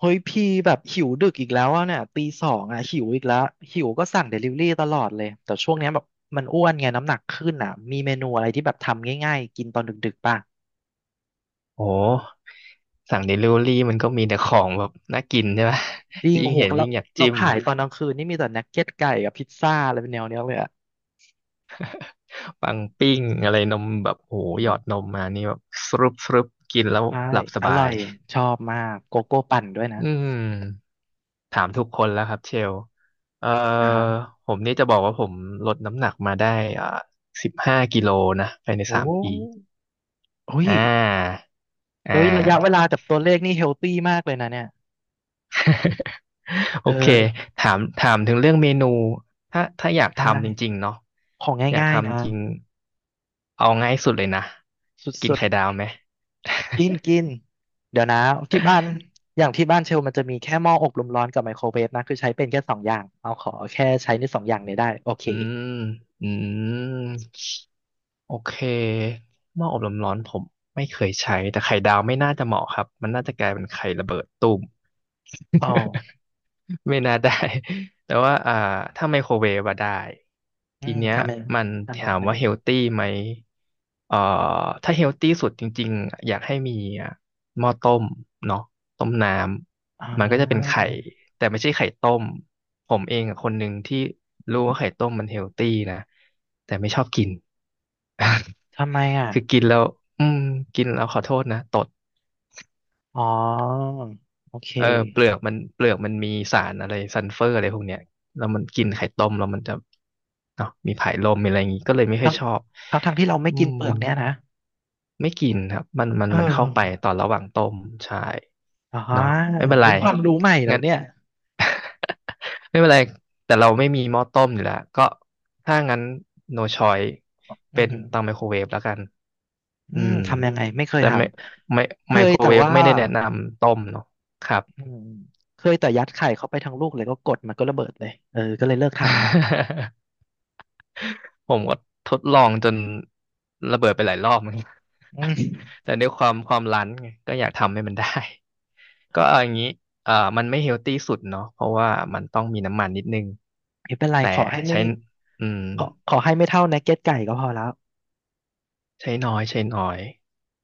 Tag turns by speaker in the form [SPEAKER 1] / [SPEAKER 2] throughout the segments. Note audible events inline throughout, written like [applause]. [SPEAKER 1] เฮ้ยพี่แบบหิวดึกอีกแล้วอะเนี่ยตีสองอะหิวอีกแล้วหิวก็สั่งเดลิเวอรี่ตลอดเลยแต่ช่วงเนี้ยแบบมันอ้วนไงน้ำหนักขึ้นอะมีเมนูอะไรที่แบบทำง่ายๆกินตอนดึกๆป่ะ
[SPEAKER 2] โอ้สั่งเดลิเวอรี่มันก็มีแต่ของแบบน่ากินใช่ไหม
[SPEAKER 1] จริ
[SPEAKER 2] [laughs]
[SPEAKER 1] งโอ้
[SPEAKER 2] ยิ่ง
[SPEAKER 1] โห
[SPEAKER 2] เห็น
[SPEAKER 1] เรา
[SPEAKER 2] ยิ่งอยาก
[SPEAKER 1] เรา
[SPEAKER 2] จิ้ม
[SPEAKER 1] ขายตอนกลางคืนนี่มีแต่นักเก็ตไก่กับพิซซ่าอะไรเป็นแนวเนี้ยเลยอะ
[SPEAKER 2] ปังปิ้งอะไรนมแบบโอ้โห
[SPEAKER 1] อื
[SPEAKER 2] หยอด
[SPEAKER 1] ม
[SPEAKER 2] นมมานี่แบบสรุปกินแล้ว
[SPEAKER 1] ใช่
[SPEAKER 2] หลับส
[SPEAKER 1] อ
[SPEAKER 2] บา
[SPEAKER 1] ร่อ
[SPEAKER 2] ย
[SPEAKER 1] ยชอบมากโกโก้ปั่นด้วยนะ
[SPEAKER 2] อืมถามทุกคนแล้วครับเชลเอ่อ
[SPEAKER 1] อ่าฮะ
[SPEAKER 2] ผมนี่จะบอกว่าผมลดน้ำหนักมาได้อ่า15 กิโลนะภายใน
[SPEAKER 1] โอ้
[SPEAKER 2] 3 ปี
[SPEAKER 1] โอ้ย
[SPEAKER 2] อ่าอ่า
[SPEAKER 1] เฮ้ยระยะเวลากับตัวเลขนี่เฮลตี้มากเลยนะเนี่ยเอ
[SPEAKER 2] โอเค
[SPEAKER 1] อ
[SPEAKER 2] ถามถึงเรื่องเมนูถ้าอยาก
[SPEAKER 1] ใช
[SPEAKER 2] ทำจริง
[SPEAKER 1] ่
[SPEAKER 2] ๆเนาะ
[SPEAKER 1] ของ
[SPEAKER 2] อยาก
[SPEAKER 1] ง่ายๆนะ
[SPEAKER 2] ทำจริงเอาง่ายสุดเลยนะ
[SPEAKER 1] ส
[SPEAKER 2] กิน
[SPEAKER 1] ุด
[SPEAKER 2] ไข่ดาวไหม
[SPEAKER 1] กินกินเดี๋ยวนะที่บ้านอย่างที่บ้านเชลมันจะมีแค่หม้ออบลมร้อนกับไมโครเวฟนะคือใช้เป็นแค่สองอย่างเอาขอแค่ใช้ในสองอย่างนี้ได้โอเค
[SPEAKER 2] อืมอืมโอเคหม้ออบลมร้อนผมไม่เคยใช้แต่ไข่ดาวไม่น่าจะเหมาะครับมันน่าจะกลายเป็นไข่ระเบิดตูม
[SPEAKER 1] อ๋อ
[SPEAKER 2] ไม่น่าได้ [laughs] แต่ว่าถ้าไมโครเวฟอะได้
[SPEAKER 1] อื
[SPEAKER 2] ที
[SPEAKER 1] ม
[SPEAKER 2] เนี้ย
[SPEAKER 1] ทำไม
[SPEAKER 2] มัน
[SPEAKER 1] ทำแบ
[SPEAKER 2] ถา
[SPEAKER 1] บ
[SPEAKER 2] ม
[SPEAKER 1] ไหน
[SPEAKER 2] ว่าเฮลตี้ไหมเอ่อถ้าเฮลตี้สุดจริงๆ อยากให้มีอ่ะหม้อต้มเนาะต้มน้
[SPEAKER 1] อ๋
[SPEAKER 2] ำ มันก็จะเป็น
[SPEAKER 1] อ
[SPEAKER 2] ไข่ แต่ไม่ใช่ไข่ต้ม ผมเองอะคนหนึ่งที่รู้ว่าไข่ต้มมันเฮลตี้นะแต่ไม่ชอบกิน
[SPEAKER 1] ทำไมอ่ะ
[SPEAKER 2] [laughs] คือกินแล้ว อืม กินแล้วขอโทษนะ ตด
[SPEAKER 1] อ๋อโอเค
[SPEAKER 2] เออเปลือกมันมีสารอะไรซัลเฟอร์อะไรพวกเนี้ยแล้วมันกินไข่ต้มแล้วมันจะเนาะมีผายลมมีอะไรอย่างงี้ก็เลยไม่ค่อ
[SPEAKER 1] ทั้
[SPEAKER 2] ย
[SPEAKER 1] ง
[SPEAKER 2] ชอบ
[SPEAKER 1] ทั้งที่เราไม่
[SPEAKER 2] อื
[SPEAKER 1] กิน
[SPEAKER 2] ม
[SPEAKER 1] เปลือกเนี่ยนะ
[SPEAKER 2] ไม่กินครับมันมัน
[SPEAKER 1] เอ
[SPEAKER 2] มันเข้าไป
[SPEAKER 1] อ
[SPEAKER 2] ตอนระหว่างต้มใช่
[SPEAKER 1] อ๋อ
[SPEAKER 2] เนาะไม่เป็นไร
[SPEAKER 1] เฮ้ยความรู้ใหม่เหรอ
[SPEAKER 2] งั้น
[SPEAKER 1] เนี่ย
[SPEAKER 2] ไม่เป็นไรแต่เราไม่มีหม้อต้มอยู่แล้วก็ถ้างั้น no choice
[SPEAKER 1] อื
[SPEAKER 2] เป็
[SPEAKER 1] อ
[SPEAKER 2] น
[SPEAKER 1] หือ
[SPEAKER 2] เตาไมโครเวฟแล้วกัน
[SPEAKER 1] อื
[SPEAKER 2] อื
[SPEAKER 1] ม
[SPEAKER 2] ม
[SPEAKER 1] ทำยังไงไม่เคย
[SPEAKER 2] แต่
[SPEAKER 1] ท
[SPEAKER 2] ไม่
[SPEAKER 1] ำเค
[SPEAKER 2] ไม
[SPEAKER 1] ย
[SPEAKER 2] โคร
[SPEAKER 1] แต่
[SPEAKER 2] เวฟ
[SPEAKER 1] ว่า
[SPEAKER 2] ไม่ได้แนะนำต้มเนาะครับ
[SPEAKER 1] อืมเคยแต่ยัดไข่เข้าไปทั้งลูกเลยก็กดมันก็ระเบิดเลยเออก็เลยเลิกทำแล้ว
[SPEAKER 2] [laughs] [laughs] ผมก็ทดลองจนระเบิดไปหลายรอบเหมือนกัน
[SPEAKER 1] อืม
[SPEAKER 2] [laughs] แต่ด้วยความรั้นไงก็อยากทำให้มันได้ [laughs] ก็เอาอย่างนี้มันไม่เฮลตี้สุดเนาะเพราะว่ามันต้องมีน้ำมันนิดนึง
[SPEAKER 1] ไม่เป็นไร
[SPEAKER 2] แต่ใช้อืม
[SPEAKER 1] ขอให้ไม่เท่านักเก็ตไก่ก็พอแล้ว
[SPEAKER 2] ใช้น้อยใช้น้อย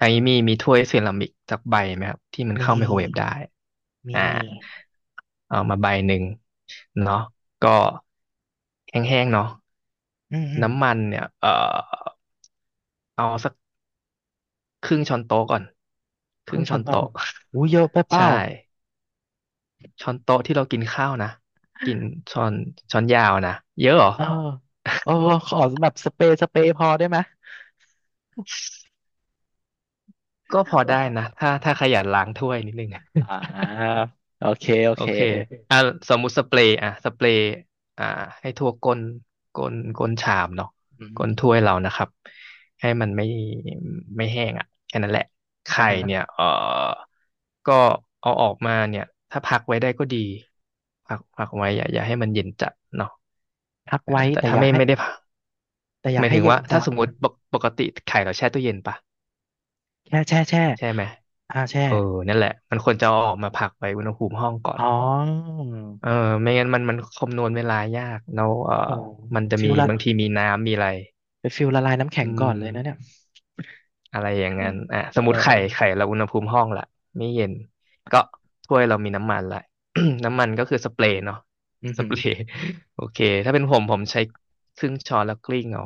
[SPEAKER 2] อันนี้มีถ้วยเซรามิกสักใบไหมครับที่มัน
[SPEAKER 1] มี
[SPEAKER 2] เข้าไมโครเวฟได้
[SPEAKER 1] มี
[SPEAKER 2] อ่าเอามาใบหนึ่งเนาะก็แห้งๆเนาะ
[SPEAKER 1] อืมอืม
[SPEAKER 2] น้ำมันเนี่ยเอาสัก ครึ่งช้อนโต๊ะก่อนค
[SPEAKER 1] ค
[SPEAKER 2] รึ่
[SPEAKER 1] รึ่
[SPEAKER 2] ง
[SPEAKER 1] งช้
[SPEAKER 2] ช้อ
[SPEAKER 1] อน
[SPEAKER 2] น
[SPEAKER 1] โต๊ะ
[SPEAKER 2] โต๊ะ
[SPEAKER 1] อู้เยอะไปเป
[SPEAKER 2] [laughs] ใช่
[SPEAKER 1] ล่า
[SPEAKER 2] ช้อนโต๊ะที่เรากินข้าวนะกินช้อนช้อนยาวนะเยอะเหรอ
[SPEAKER 1] เออเออขอแบบสเปรย์สเปรย์พอได้ไหม
[SPEAKER 2] [laughs] ก็พอได้นะ
[SPEAKER 1] เออ
[SPEAKER 2] ถ้าขยันล้างถ้วยนิดนึง
[SPEAKER 1] อ่าโอเคโอ
[SPEAKER 2] โอ
[SPEAKER 1] เค
[SPEAKER 2] เคอ่ะสมมุติสเปรย์อ่ะสเปรย์อ่าให้ทั่วก้นก้นชามเนาะ
[SPEAKER 1] อื
[SPEAKER 2] ก้นถ้
[SPEAKER 1] ม
[SPEAKER 2] วยเรานะครับให้มันไม่แห้งอ่ะแค่นั้นแหละ
[SPEAKER 1] อ่า
[SPEAKER 2] ไข่
[SPEAKER 1] ฮะ
[SPEAKER 2] เนี่ยเออก็เอาออกมาเนี่ยถ้าพักไว้ได้ก็ดีพักไว้อย่าให้มันเย็นจัดเนาะ
[SPEAKER 1] พักไว้
[SPEAKER 2] แต่
[SPEAKER 1] แต่
[SPEAKER 2] ถ้า
[SPEAKER 1] อย่า
[SPEAKER 2] ไม่
[SPEAKER 1] ให้
[SPEAKER 2] ไม่ได้พัก
[SPEAKER 1] แต่อ
[SPEAKER 2] ห
[SPEAKER 1] ย่า
[SPEAKER 2] มาย
[SPEAKER 1] ให้
[SPEAKER 2] ถึง
[SPEAKER 1] เย็น
[SPEAKER 2] ว่า
[SPEAKER 1] จั
[SPEAKER 2] ถ้า
[SPEAKER 1] ด
[SPEAKER 2] สมม
[SPEAKER 1] นะ
[SPEAKER 2] ติปกติไข่เราแช่ตู้เย็นปะ
[SPEAKER 1] แช่แช่แช่
[SPEAKER 2] ใช่ไหม
[SPEAKER 1] อ่าแช่
[SPEAKER 2] เออนั่นแหละมันควรจะเอาออกมาพักไว้อุณหภูมิห้องก่อน
[SPEAKER 1] อ๋อ
[SPEAKER 2] เออไม่งั้นมันคำนวณเวลายากแล้วเอ
[SPEAKER 1] โอ้โห
[SPEAKER 2] อมันจะ
[SPEAKER 1] ฟิล
[SPEAKER 2] มี
[SPEAKER 1] ละ
[SPEAKER 2] บางทีมีน้ำมีอะไร
[SPEAKER 1] ไปฟิลละลายน้ำแข็
[SPEAKER 2] อื
[SPEAKER 1] งก่อ
[SPEAKER 2] ม
[SPEAKER 1] นเลยนะเนี่ย
[SPEAKER 2] อะไรอย่างนั้นอ่ะ
[SPEAKER 1] เ
[SPEAKER 2] สมมติไข่
[SPEAKER 1] ออ
[SPEAKER 2] เราอุณหภูมิห้องละไม่เย็นก็ถ้วยเรามีน้ำมันละ [coughs] น้ำมันก็คือสเปรย์เนาะ
[SPEAKER 1] อือ
[SPEAKER 2] ส
[SPEAKER 1] หื
[SPEAKER 2] เป
[SPEAKER 1] อ
[SPEAKER 2] รย์ [laughs] โอเคถ้าเป็นผมใช้ครึ่งช้อนแล้วกลิ้งเอา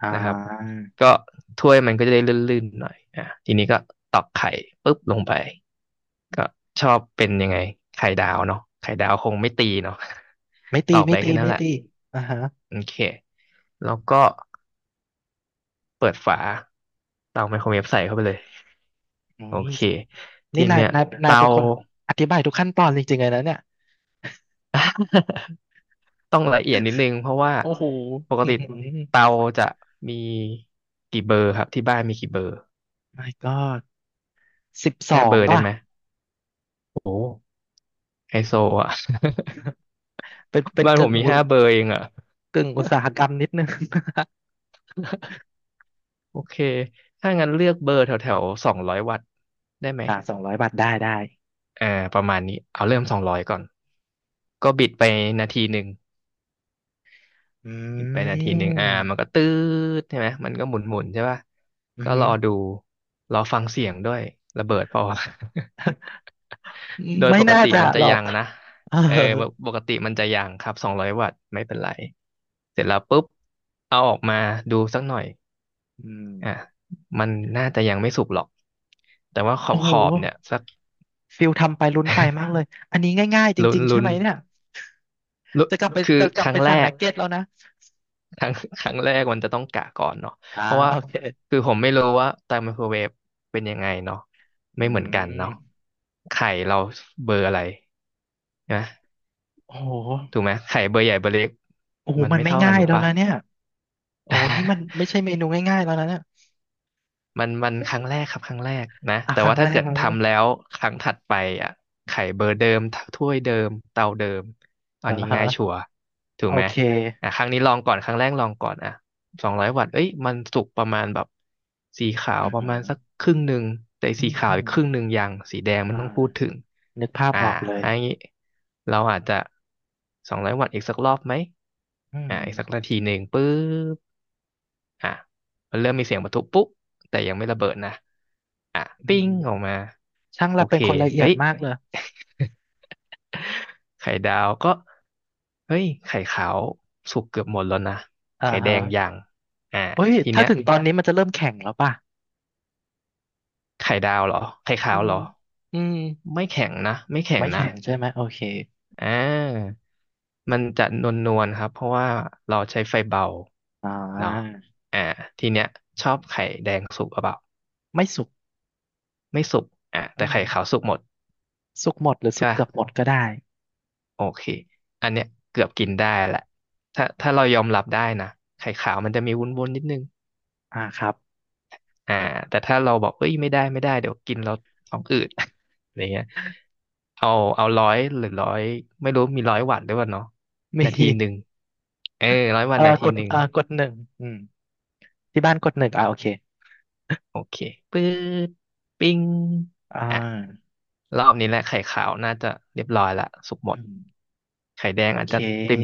[SPEAKER 1] อ่
[SPEAKER 2] นะครับ
[SPEAKER 1] า
[SPEAKER 2] ก็ถ้วยมันก็จะได้ลื่นๆหน่อยอ่ะทีนี้ก็ตอกไข่ปุ๊บลงไปก็ชอบเป็นยังไงไข่ดาวเนาะไข่ดาวคงไม่ตีเนาะ
[SPEAKER 1] ไม่
[SPEAKER 2] [laughs] ต
[SPEAKER 1] ตี
[SPEAKER 2] อก
[SPEAKER 1] ไม่
[SPEAKER 2] ไป
[SPEAKER 1] ตี
[SPEAKER 2] แค่นั้น
[SPEAKER 1] ไม่
[SPEAKER 2] แหละ
[SPEAKER 1] ตีอ่าฮะ
[SPEAKER 2] โอเค แล้วก็เปิดฝาเตาไมโครเวฟใส่เข้าไปเลย
[SPEAKER 1] โอ้
[SPEAKER 2] โอ
[SPEAKER 1] ย
[SPEAKER 2] เคที
[SPEAKER 1] นี่นาย
[SPEAKER 2] เนี้ย
[SPEAKER 1] นายนาย
[SPEAKER 2] เตา
[SPEAKER 1] เป็นคนอธิบายทุกขั้นตอนจริงๆเลยนะเนี่ย
[SPEAKER 2] [laughs] ต้องละเอียดนิดนึงเพราะว่า
[SPEAKER 1] โอ้โห
[SPEAKER 2] ปก
[SPEAKER 1] อื้อ
[SPEAKER 2] ติ
[SPEAKER 1] หื
[SPEAKER 2] เตา
[SPEAKER 1] อ
[SPEAKER 2] จะมีกี่เบอร์ครับที่บ้านมีกี่เบอร์
[SPEAKER 1] My God สิบส
[SPEAKER 2] ห้า
[SPEAKER 1] อ
[SPEAKER 2] เบ
[SPEAKER 1] ง
[SPEAKER 2] อร์ได้
[SPEAKER 1] ป่ะ
[SPEAKER 2] ไหมโอ้โหไฮโซอ่ะ
[SPEAKER 1] เป็น
[SPEAKER 2] [laughs]
[SPEAKER 1] เป็น
[SPEAKER 2] บ้านผ
[SPEAKER 1] กึ่
[SPEAKER 2] ม
[SPEAKER 1] ง
[SPEAKER 2] มี
[SPEAKER 1] อุ
[SPEAKER 2] ห้าเบอร์เองอ่ะ
[SPEAKER 1] กึ่งอุตสาหกรรมนิดนึง [laughs]
[SPEAKER 2] โอเคถ้างั้นเลือกเบอร์แถวแถวสองร้อยวัตต์ได้ไหม
[SPEAKER 1] อ่า200บาทได้ได้
[SPEAKER 2] อ่าประมาณนี้เอาเริ่มสองร้อยก่อนก็บิดไปนาทีหนึ่ง
[SPEAKER 1] อ
[SPEAKER 2] ปิดไป
[SPEAKER 1] ื
[SPEAKER 2] 1 นาทีมันก็
[SPEAKER 1] ม
[SPEAKER 2] ตืดใช่ไหมมันก็หมุนใช่ป่ะ
[SPEAKER 1] อือ
[SPEAKER 2] ก็
[SPEAKER 1] หื
[SPEAKER 2] ร
[SPEAKER 1] อ
[SPEAKER 2] อดูรอฟังเสียงด้วยระเบิดเปล่าวะ [laughs] โดย
[SPEAKER 1] ไม่
[SPEAKER 2] ปก
[SPEAKER 1] น่า
[SPEAKER 2] ติ
[SPEAKER 1] จะ
[SPEAKER 2] มันจะ
[SPEAKER 1] หรอ
[SPEAKER 2] ยั
[SPEAKER 1] ก
[SPEAKER 2] งนะ
[SPEAKER 1] [laughs] เออ
[SPEAKER 2] เออปกติมันจะยังครับสองร้อยวัตต์ไม่เป็นไรเสร็จแล้วปุ๊บเอาออกมาดูสักหน่อย
[SPEAKER 1] อืม
[SPEAKER 2] อ่ะมันน่าจะยังไม่สุกหรอกแต่ว่าขอ
[SPEAKER 1] โอ้
[SPEAKER 2] บข
[SPEAKER 1] โห
[SPEAKER 2] อบเนี่ยสัก
[SPEAKER 1] ฟิลทำไปลุ้นไปมากเลยอันนี้ง่ายๆจ
[SPEAKER 2] ลุ้น
[SPEAKER 1] ริงๆใช่
[SPEAKER 2] ลุ้
[SPEAKER 1] ไห
[SPEAKER 2] น
[SPEAKER 1] มเนี่ย
[SPEAKER 2] ลุ้น
[SPEAKER 1] จะกลับไป
[SPEAKER 2] คื
[SPEAKER 1] [laughs]
[SPEAKER 2] อ
[SPEAKER 1] จะก
[SPEAKER 2] ค
[SPEAKER 1] ลับ
[SPEAKER 2] รั้
[SPEAKER 1] ไป
[SPEAKER 2] งแร
[SPEAKER 1] สั่งนั
[SPEAKER 2] ก
[SPEAKER 1] กเก็ตแล้วนะ
[SPEAKER 2] ครั้ง [laughs] ครั้งแรกมันจะต้องกะก่อนเนาะ
[SPEAKER 1] อ่า
[SPEAKER 2] เพราะว่า
[SPEAKER 1] โอเค
[SPEAKER 2] คือผมไม่รู้ว่าเตาไมโครเวฟเป็นยังไงเนาะ
[SPEAKER 1] อื
[SPEAKER 2] ไม่เหมือนกันเนาะ
[SPEAKER 1] ม
[SPEAKER 2] ไข่เราเบอร์อะไรนะ
[SPEAKER 1] โอ้โห
[SPEAKER 2] ถูกไหมไข่เบอร์ใหญ่เบอร์เล็ก
[SPEAKER 1] โอ้โห
[SPEAKER 2] มัน
[SPEAKER 1] มัน
[SPEAKER 2] ไม่
[SPEAKER 1] ไม่
[SPEAKER 2] เท่ากั
[SPEAKER 1] ง่า
[SPEAKER 2] น
[SPEAKER 1] ย
[SPEAKER 2] ถูก
[SPEAKER 1] แล้ว
[SPEAKER 2] ปะ
[SPEAKER 1] นะเนี่ยโอ้โหนี่มัน
[SPEAKER 2] [laughs]
[SPEAKER 1] ไม่ใช่เมนูง่ายๆแล้วนะเนี่ย
[SPEAKER 2] มันครั้งแรกครับครั้งแรกนะ
[SPEAKER 1] อ่ะ
[SPEAKER 2] แต่
[SPEAKER 1] ครั้
[SPEAKER 2] ว่า
[SPEAKER 1] งแร
[SPEAKER 2] ถ้า
[SPEAKER 1] ก
[SPEAKER 2] เกิด
[SPEAKER 1] ครั้งแรก
[SPEAKER 2] ทำแล้วครั้งถัดไปอ่ะไข่เบอร์เดิมถ้วยเดิมเตาเดิมอั
[SPEAKER 1] อ่า
[SPEAKER 2] นนี้
[SPEAKER 1] ฮะ
[SPEAKER 2] ง่ายชัวร์ถู
[SPEAKER 1] โอ
[SPEAKER 2] กไหม
[SPEAKER 1] เค
[SPEAKER 2] อ่ะครั้งนี้ลองก่อนครั้งแรกลองก่อนอ่ะสองร้อยวัตต์เอ้ยมันสุกประมาณแบบสีขาว
[SPEAKER 1] อ่า
[SPEAKER 2] ประ
[SPEAKER 1] ฮะ
[SPEAKER 2] มาณสักครึ่งหนึ่งแต่
[SPEAKER 1] อื
[SPEAKER 2] สี
[SPEAKER 1] ม
[SPEAKER 2] ขา
[SPEAKER 1] อื
[SPEAKER 2] วอี
[SPEAKER 1] ม
[SPEAKER 2] กครึ่งหนึ่งยังสีแดง
[SPEAKER 1] อ่
[SPEAKER 2] มันต้องพูดถึ
[SPEAKER 1] า
[SPEAKER 2] ง
[SPEAKER 1] นึกภาพ
[SPEAKER 2] อ่า
[SPEAKER 1] ออกเลย
[SPEAKER 2] อันนี้เราอาจจะสองร้อยวัตต์อีกสักรอบไหม
[SPEAKER 1] อืม
[SPEAKER 2] อีกสักนาทีหนึ่งปึ๊บ อ่ะมันเริ่มมีเสียงปะทุปุ๊บแต่ยังไม่ระเบิดนะอ่ะ
[SPEAKER 1] อื
[SPEAKER 2] ปิ้
[SPEAKER 1] ม
[SPEAKER 2] งออกมา
[SPEAKER 1] ช่าง
[SPEAKER 2] โอ
[SPEAKER 1] เราเป็
[SPEAKER 2] เค
[SPEAKER 1] นคนละเอีย
[SPEAKER 2] เฮ้
[SPEAKER 1] ด
[SPEAKER 2] ย
[SPEAKER 1] มากเลย
[SPEAKER 2] [laughs] ไข่ดาวก็เฮ้ยไข่ขาวสุกเกือบหมดแล้วนะ
[SPEAKER 1] อ่า
[SPEAKER 2] ไข่แด
[SPEAKER 1] ฮะ
[SPEAKER 2] งยังอ่า
[SPEAKER 1] เฮ้ย
[SPEAKER 2] ที
[SPEAKER 1] ถ้า
[SPEAKER 2] เนี้ย
[SPEAKER 1] ถึงตอนนี้มันจะเริ่มแข็งแล้วป่ะ
[SPEAKER 2] ไข่ดาวเหรอไข่
[SPEAKER 1] อื
[SPEAKER 2] ขาว
[SPEAKER 1] ม
[SPEAKER 2] เหรอ
[SPEAKER 1] อืม
[SPEAKER 2] ไม่แข็งนะไม่แข็ง
[SPEAKER 1] ไม่
[SPEAKER 2] นะ
[SPEAKER 1] แข็งใช่ไหมโอเค
[SPEAKER 2] อ่ามันจะนวลนวลครับเพราะว่าเราใช้ไฟเบา
[SPEAKER 1] อ่
[SPEAKER 2] เนาะ
[SPEAKER 1] า
[SPEAKER 2] อ่าทีเนี้ยชอบไข่แดงสุกหรือเปล่า
[SPEAKER 1] ไม่สุก
[SPEAKER 2] ไม่สุกอ่ะ
[SPEAKER 1] อื
[SPEAKER 2] แต่
[SPEAKER 1] ม
[SPEAKER 2] ไข่ขาวสุกหมด
[SPEAKER 1] สุกหมดหรือสุ
[SPEAKER 2] ใช่
[SPEAKER 1] ก
[SPEAKER 2] ป่ะ
[SPEAKER 1] เกือบหมดก็ได้
[SPEAKER 2] โอเค อันเนี้ยเกือบกินได้แหละถ้าเรายอมรับได้นะ ไข่ขาวมันจะมีวุ้นๆนิดนึง
[SPEAKER 1] อ่าครับ
[SPEAKER 2] อ่าแต่ถ้าเราบอกเอ้ย ไม่ได้ไม่ได้เดี๋ยวกินเราท้องอืด [laughs] อะไรเงี้ยเอาเอาร้อยหรือร้อยไม่รู้มีร้อยวัตต์ด้วยวะเนาะ
[SPEAKER 1] [laughs] มี
[SPEAKER 2] นาทีหนึ่งเออร้อยวัต
[SPEAKER 1] เอ่
[SPEAKER 2] ต์นา
[SPEAKER 1] อ
[SPEAKER 2] ที
[SPEAKER 1] กด
[SPEAKER 2] หนึ่ง
[SPEAKER 1] เอ่อกดหนึ่งอืมที่บ้านกดหนึ่งอ่าโอเค
[SPEAKER 2] โอเคปึ๊ดปิ้ง
[SPEAKER 1] อ่
[SPEAKER 2] อ่ะ
[SPEAKER 1] า
[SPEAKER 2] รอบนี้แหละไข่ขาวน่าจะเรียบร้อยละสุกหม
[SPEAKER 1] อื
[SPEAKER 2] ด
[SPEAKER 1] ม
[SPEAKER 2] ไข่แดง
[SPEAKER 1] โอ
[SPEAKER 2] อาจ
[SPEAKER 1] เค
[SPEAKER 2] จะเต็ม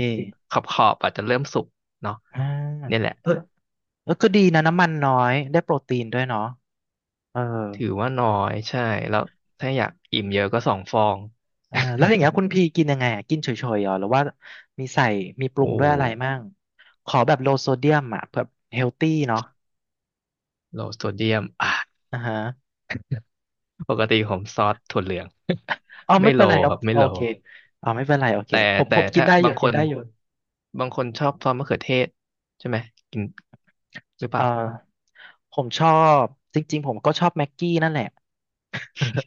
[SPEAKER 2] ขอบขอบอาจจะเริ่มสุกเนาะ
[SPEAKER 1] อ่า
[SPEAKER 2] เนี่ยแหละ
[SPEAKER 1] เออเออก็ดีนะน้ำมันน้อยได้โปรตีนด้วยเนาะเออ
[SPEAKER 2] ถือว่าน้อยใช่แล้วถ้าอยากอิ่มเยอะก็2 ฟอง
[SPEAKER 1] อ่าแล้วอย่างเงี้ยคุณพี่กินยังไงอะกินเฉยๆเหรอหรือว่ามีใส่มีป
[SPEAKER 2] [laughs]
[SPEAKER 1] รุง
[SPEAKER 2] โอ้
[SPEAKER 1] ด้วยอะไรมั่งขอแบบโลโซเดียมอ่ะแบบเฮลตี้เนาะ
[SPEAKER 2] โลโซเดียมอ่ะ
[SPEAKER 1] อ่าฮะ
[SPEAKER 2] ปกติผมซอสถั่วเหลือง
[SPEAKER 1] เอา
[SPEAKER 2] [laughs] ไม่
[SPEAKER 1] ไม่เป็
[SPEAKER 2] โล
[SPEAKER 1] นไร
[SPEAKER 2] ค
[SPEAKER 1] เนาะ
[SPEAKER 2] รับไม่
[SPEAKER 1] โอ
[SPEAKER 2] โล
[SPEAKER 1] เคอ๋อาไม่เป็นไรโอเค
[SPEAKER 2] แต่
[SPEAKER 1] ผมผ
[SPEAKER 2] แต่
[SPEAKER 1] มกิน
[SPEAKER 2] ถ้า
[SPEAKER 1] ได้อยู่
[SPEAKER 2] บางค
[SPEAKER 1] กิน
[SPEAKER 2] น
[SPEAKER 1] ได้อยู่
[SPEAKER 2] บางคนชอบซอสมะเขือเทศใช่ไหมกินหรือเป
[SPEAKER 1] อ่
[SPEAKER 2] ล่า
[SPEAKER 1] าผมชอบจริงๆผมก็ชอบแม็กกี้นั่นแหละ [laughs]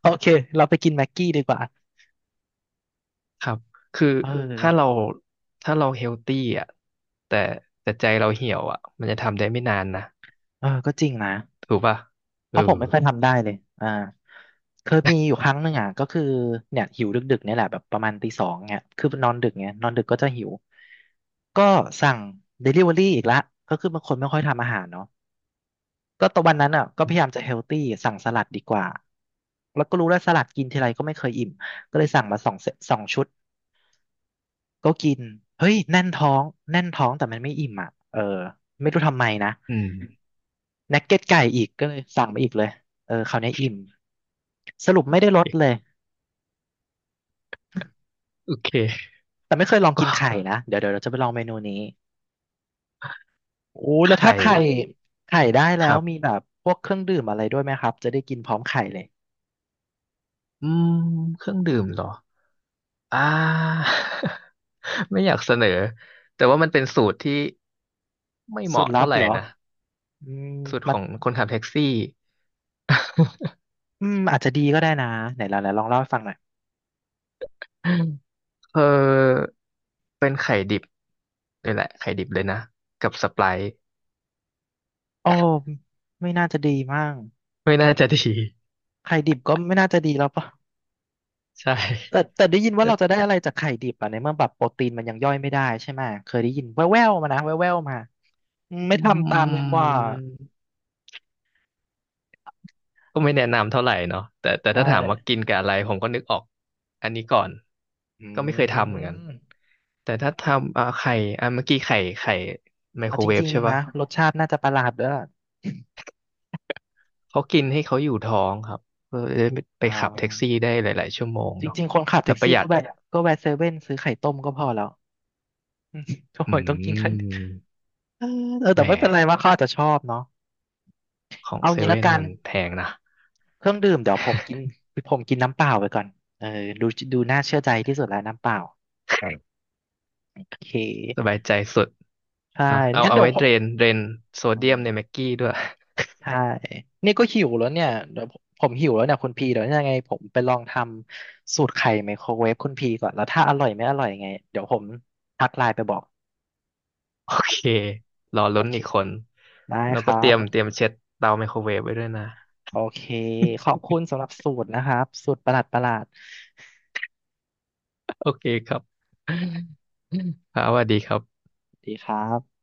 [SPEAKER 1] โอเคเราไปกินแม็กกี้ดีกว่า
[SPEAKER 2] ครับ คือ
[SPEAKER 1] เอ
[SPEAKER 2] ถ้าเรา
[SPEAKER 1] อ
[SPEAKER 2] ถ้าเราเฮลตี้อ่ะแต่แต่ใจเราเหี่ยวอ่ะมันจะทำได้ไม่นานนะ
[SPEAKER 1] เออก็จริงนะ
[SPEAKER 2] ถูกป่ะ
[SPEAKER 1] เพ
[SPEAKER 2] เออ
[SPEAKER 1] ราะผมไม่ค่อยทำได้เลยอ่าเคยมีอยู่ครั้งหนึ่งอ่ะก็คือเนี่ยหิวดึกๆเนี่ยแหละแบบประมาณตีสองเนี่ยคือนอนดึกเนี่ยนอนดึกก็จะหิวก็สั่งเดลิเวอรี่อีกละก็คือบางคนไม่ค่อยทำอาหารเนาะก็ตอนวันนั้นอ่ะก็พยายามจะเฮลตี้สั่งสลัดดีกว่าแล้วก็รู้แล้วสลัดกินทีไรก็ไม่เคยอิ่มก็เลยสั่งมา2 เซต2 ชุด ก็กินเฮ้ยแน่นท้องแน่นท้องแต่มันไม่อิ่มอ่ะเออไม่รู้ทำไมนะ
[SPEAKER 2] อืม
[SPEAKER 1] นักเก็ตไก่อีกก็เลยสั่งมาอีกเลยเออคราวนี้อิ่มสรุปไม่ได้ลดเลย
[SPEAKER 2] โอเค [laughs]
[SPEAKER 1] แต่ไม่เคยลอง
[SPEAKER 2] ก็
[SPEAKER 1] กินไข่นะเดี๋ยวเราจะไปลองเมนูนี้โอ้
[SPEAKER 2] ไข
[SPEAKER 1] แล้ว
[SPEAKER 2] ่
[SPEAKER 1] ถ้าไข่ได้
[SPEAKER 2] ค
[SPEAKER 1] แล้ว
[SPEAKER 2] รั
[SPEAKER 1] มี
[SPEAKER 2] บ
[SPEAKER 1] แบบพวกเครื่องดื่มอะไรด้วยไหมครับจะได้กินพร้อมไข่เลย
[SPEAKER 2] อืมเครื่องดื่มเหรออ่า [laughs] ไม่อยากเสนอแต่ว่ามันเป็นสูตรที่ไม่เห
[SPEAKER 1] สูตร
[SPEAKER 2] มาะ
[SPEAKER 1] ลั
[SPEAKER 2] เท่า
[SPEAKER 1] บ
[SPEAKER 2] ไหร่
[SPEAKER 1] เหรอ
[SPEAKER 2] นะ
[SPEAKER 1] อืม
[SPEAKER 2] สูตรข
[SPEAKER 1] มัน
[SPEAKER 2] องคนขับแท็กซี่
[SPEAKER 1] อืมอาจจะดีก็ได้นะไหนลองเล่าให้ฟังหน่อย
[SPEAKER 2] [laughs] เออนี่แหละไข่ดิบเลยนะกับสไปร์
[SPEAKER 1] โอ้ไม่น่าจะดีมาก
[SPEAKER 2] ไม่น่าจะดี [laughs]
[SPEAKER 1] ไข่ดิบก็ไม่น่าจะดีแล้วปะ
[SPEAKER 2] ใช่
[SPEAKER 1] แต่แต่ได้ยินว่า
[SPEAKER 2] เอ
[SPEAKER 1] เราจะ
[SPEAKER 2] อ
[SPEAKER 1] ได้อะไรจากไข่ดิบอ่ะในเมื่อแบบโปรตีนมันยังย่อยไม่ได้ใช่ไหมเคยได้ยินแว่วๆมานะแว่วๆมาอืมไม่
[SPEAKER 2] อื
[SPEAKER 1] ทำตามดีกว่า
[SPEAKER 2] มก็ไม่แนะนำเท่าไหร่เนาะแต่
[SPEAKER 1] ใช่
[SPEAKER 2] ถ้าถามว่ากินกับอะไรผมก็นึกออกอันนี้ก่อน
[SPEAKER 1] อื
[SPEAKER 2] ก็ไม่เคยทำเหมือนกัน
[SPEAKER 1] ม
[SPEAKER 2] แต่ถ้าทำไข่เมื่อกี้ไข่ไมโค
[SPEAKER 1] เอา
[SPEAKER 2] ร
[SPEAKER 1] จ
[SPEAKER 2] เวฟ
[SPEAKER 1] ริง
[SPEAKER 2] ใช่
[SPEAKER 1] ๆ
[SPEAKER 2] ป่ะ
[SPEAKER 1] นะรสชาติน่าจะประหลาดด้วย
[SPEAKER 2] เขากินให้เขาอยู่ท้องครับเพื่อจะได้ไป
[SPEAKER 1] อ่
[SPEAKER 2] ขับแท็กซี่
[SPEAKER 1] า
[SPEAKER 2] ได้หลายๆชั่วโมง
[SPEAKER 1] จ
[SPEAKER 2] เนาะ
[SPEAKER 1] ริงๆคนขับ
[SPEAKER 2] แล้
[SPEAKER 1] แท็
[SPEAKER 2] ว
[SPEAKER 1] ก
[SPEAKER 2] ประ
[SPEAKER 1] ซี่
[SPEAKER 2] หยั
[SPEAKER 1] ก็
[SPEAKER 2] ด
[SPEAKER 1] แวะก็แวะเซเว่นซื้อไข่ต้มก็พอแล้ว
[SPEAKER 2] อื
[SPEAKER 1] โอ้ยต้องกินไข่ดิบ
[SPEAKER 2] ม
[SPEAKER 1] เออเออ
[SPEAKER 2] แห
[SPEAKER 1] แต่
[SPEAKER 2] ม
[SPEAKER 1] ไม่เป็นไรว่าเขาอาจจะชอบเนาะ
[SPEAKER 2] ของ
[SPEAKER 1] เอา
[SPEAKER 2] เซ
[SPEAKER 1] งี้ละ
[SPEAKER 2] เว่น
[SPEAKER 1] กัน
[SPEAKER 2] มันแพงนะ
[SPEAKER 1] เครื่องดื่มเดี๋ยวผมกินน้ำเปล่าไปก่อนเออดูดูน่าเชื่อใจที่สุดแล้วน้ำเปล่าโอเค
[SPEAKER 2] [laughs] สบายใจสุด
[SPEAKER 1] ใช่
[SPEAKER 2] เนาะเอา
[SPEAKER 1] งั้น
[SPEAKER 2] เอา
[SPEAKER 1] เดี๋ย
[SPEAKER 2] ไว้
[SPEAKER 1] วผ
[SPEAKER 2] เดร
[SPEAKER 1] ม
[SPEAKER 2] นเดรนโซ
[SPEAKER 1] อื
[SPEAKER 2] เดีย
[SPEAKER 1] ม
[SPEAKER 2] มในแม็กกี้ด้วย
[SPEAKER 1] ใช่นี่ก็หิวแล้วเนี่ยเดี๋ยวผมหิวแล้วเนี่ยคุณพีเดี๋ยวยังไงผมไปลองทำสูตรไข่ไมโครเวฟคุณพีก่อน แล้วถ้าอร่อยไม่อร่อยยังไงเดี๋ยวผมทักไลน์ไปบอก
[SPEAKER 2] โอเครอ
[SPEAKER 1] โอ
[SPEAKER 2] ลุ้น
[SPEAKER 1] เค
[SPEAKER 2] อีกคน
[SPEAKER 1] ได้
[SPEAKER 2] แล้ว
[SPEAKER 1] ค
[SPEAKER 2] ก็
[SPEAKER 1] รั
[SPEAKER 2] เตรี
[SPEAKER 1] บ
[SPEAKER 2] ยมเตรียมเช็ดเตาไมโครเวฟไว้ด้วยนะ
[SPEAKER 1] โอเคขอบคุณสำหรับสูตรนะครับ สูตรประหลาดประหลาด
[SPEAKER 2] โอเคครับ
[SPEAKER 1] ครับ
[SPEAKER 2] [laughs] ครับสวัสดีครับ
[SPEAKER 1] สวัสดีครับ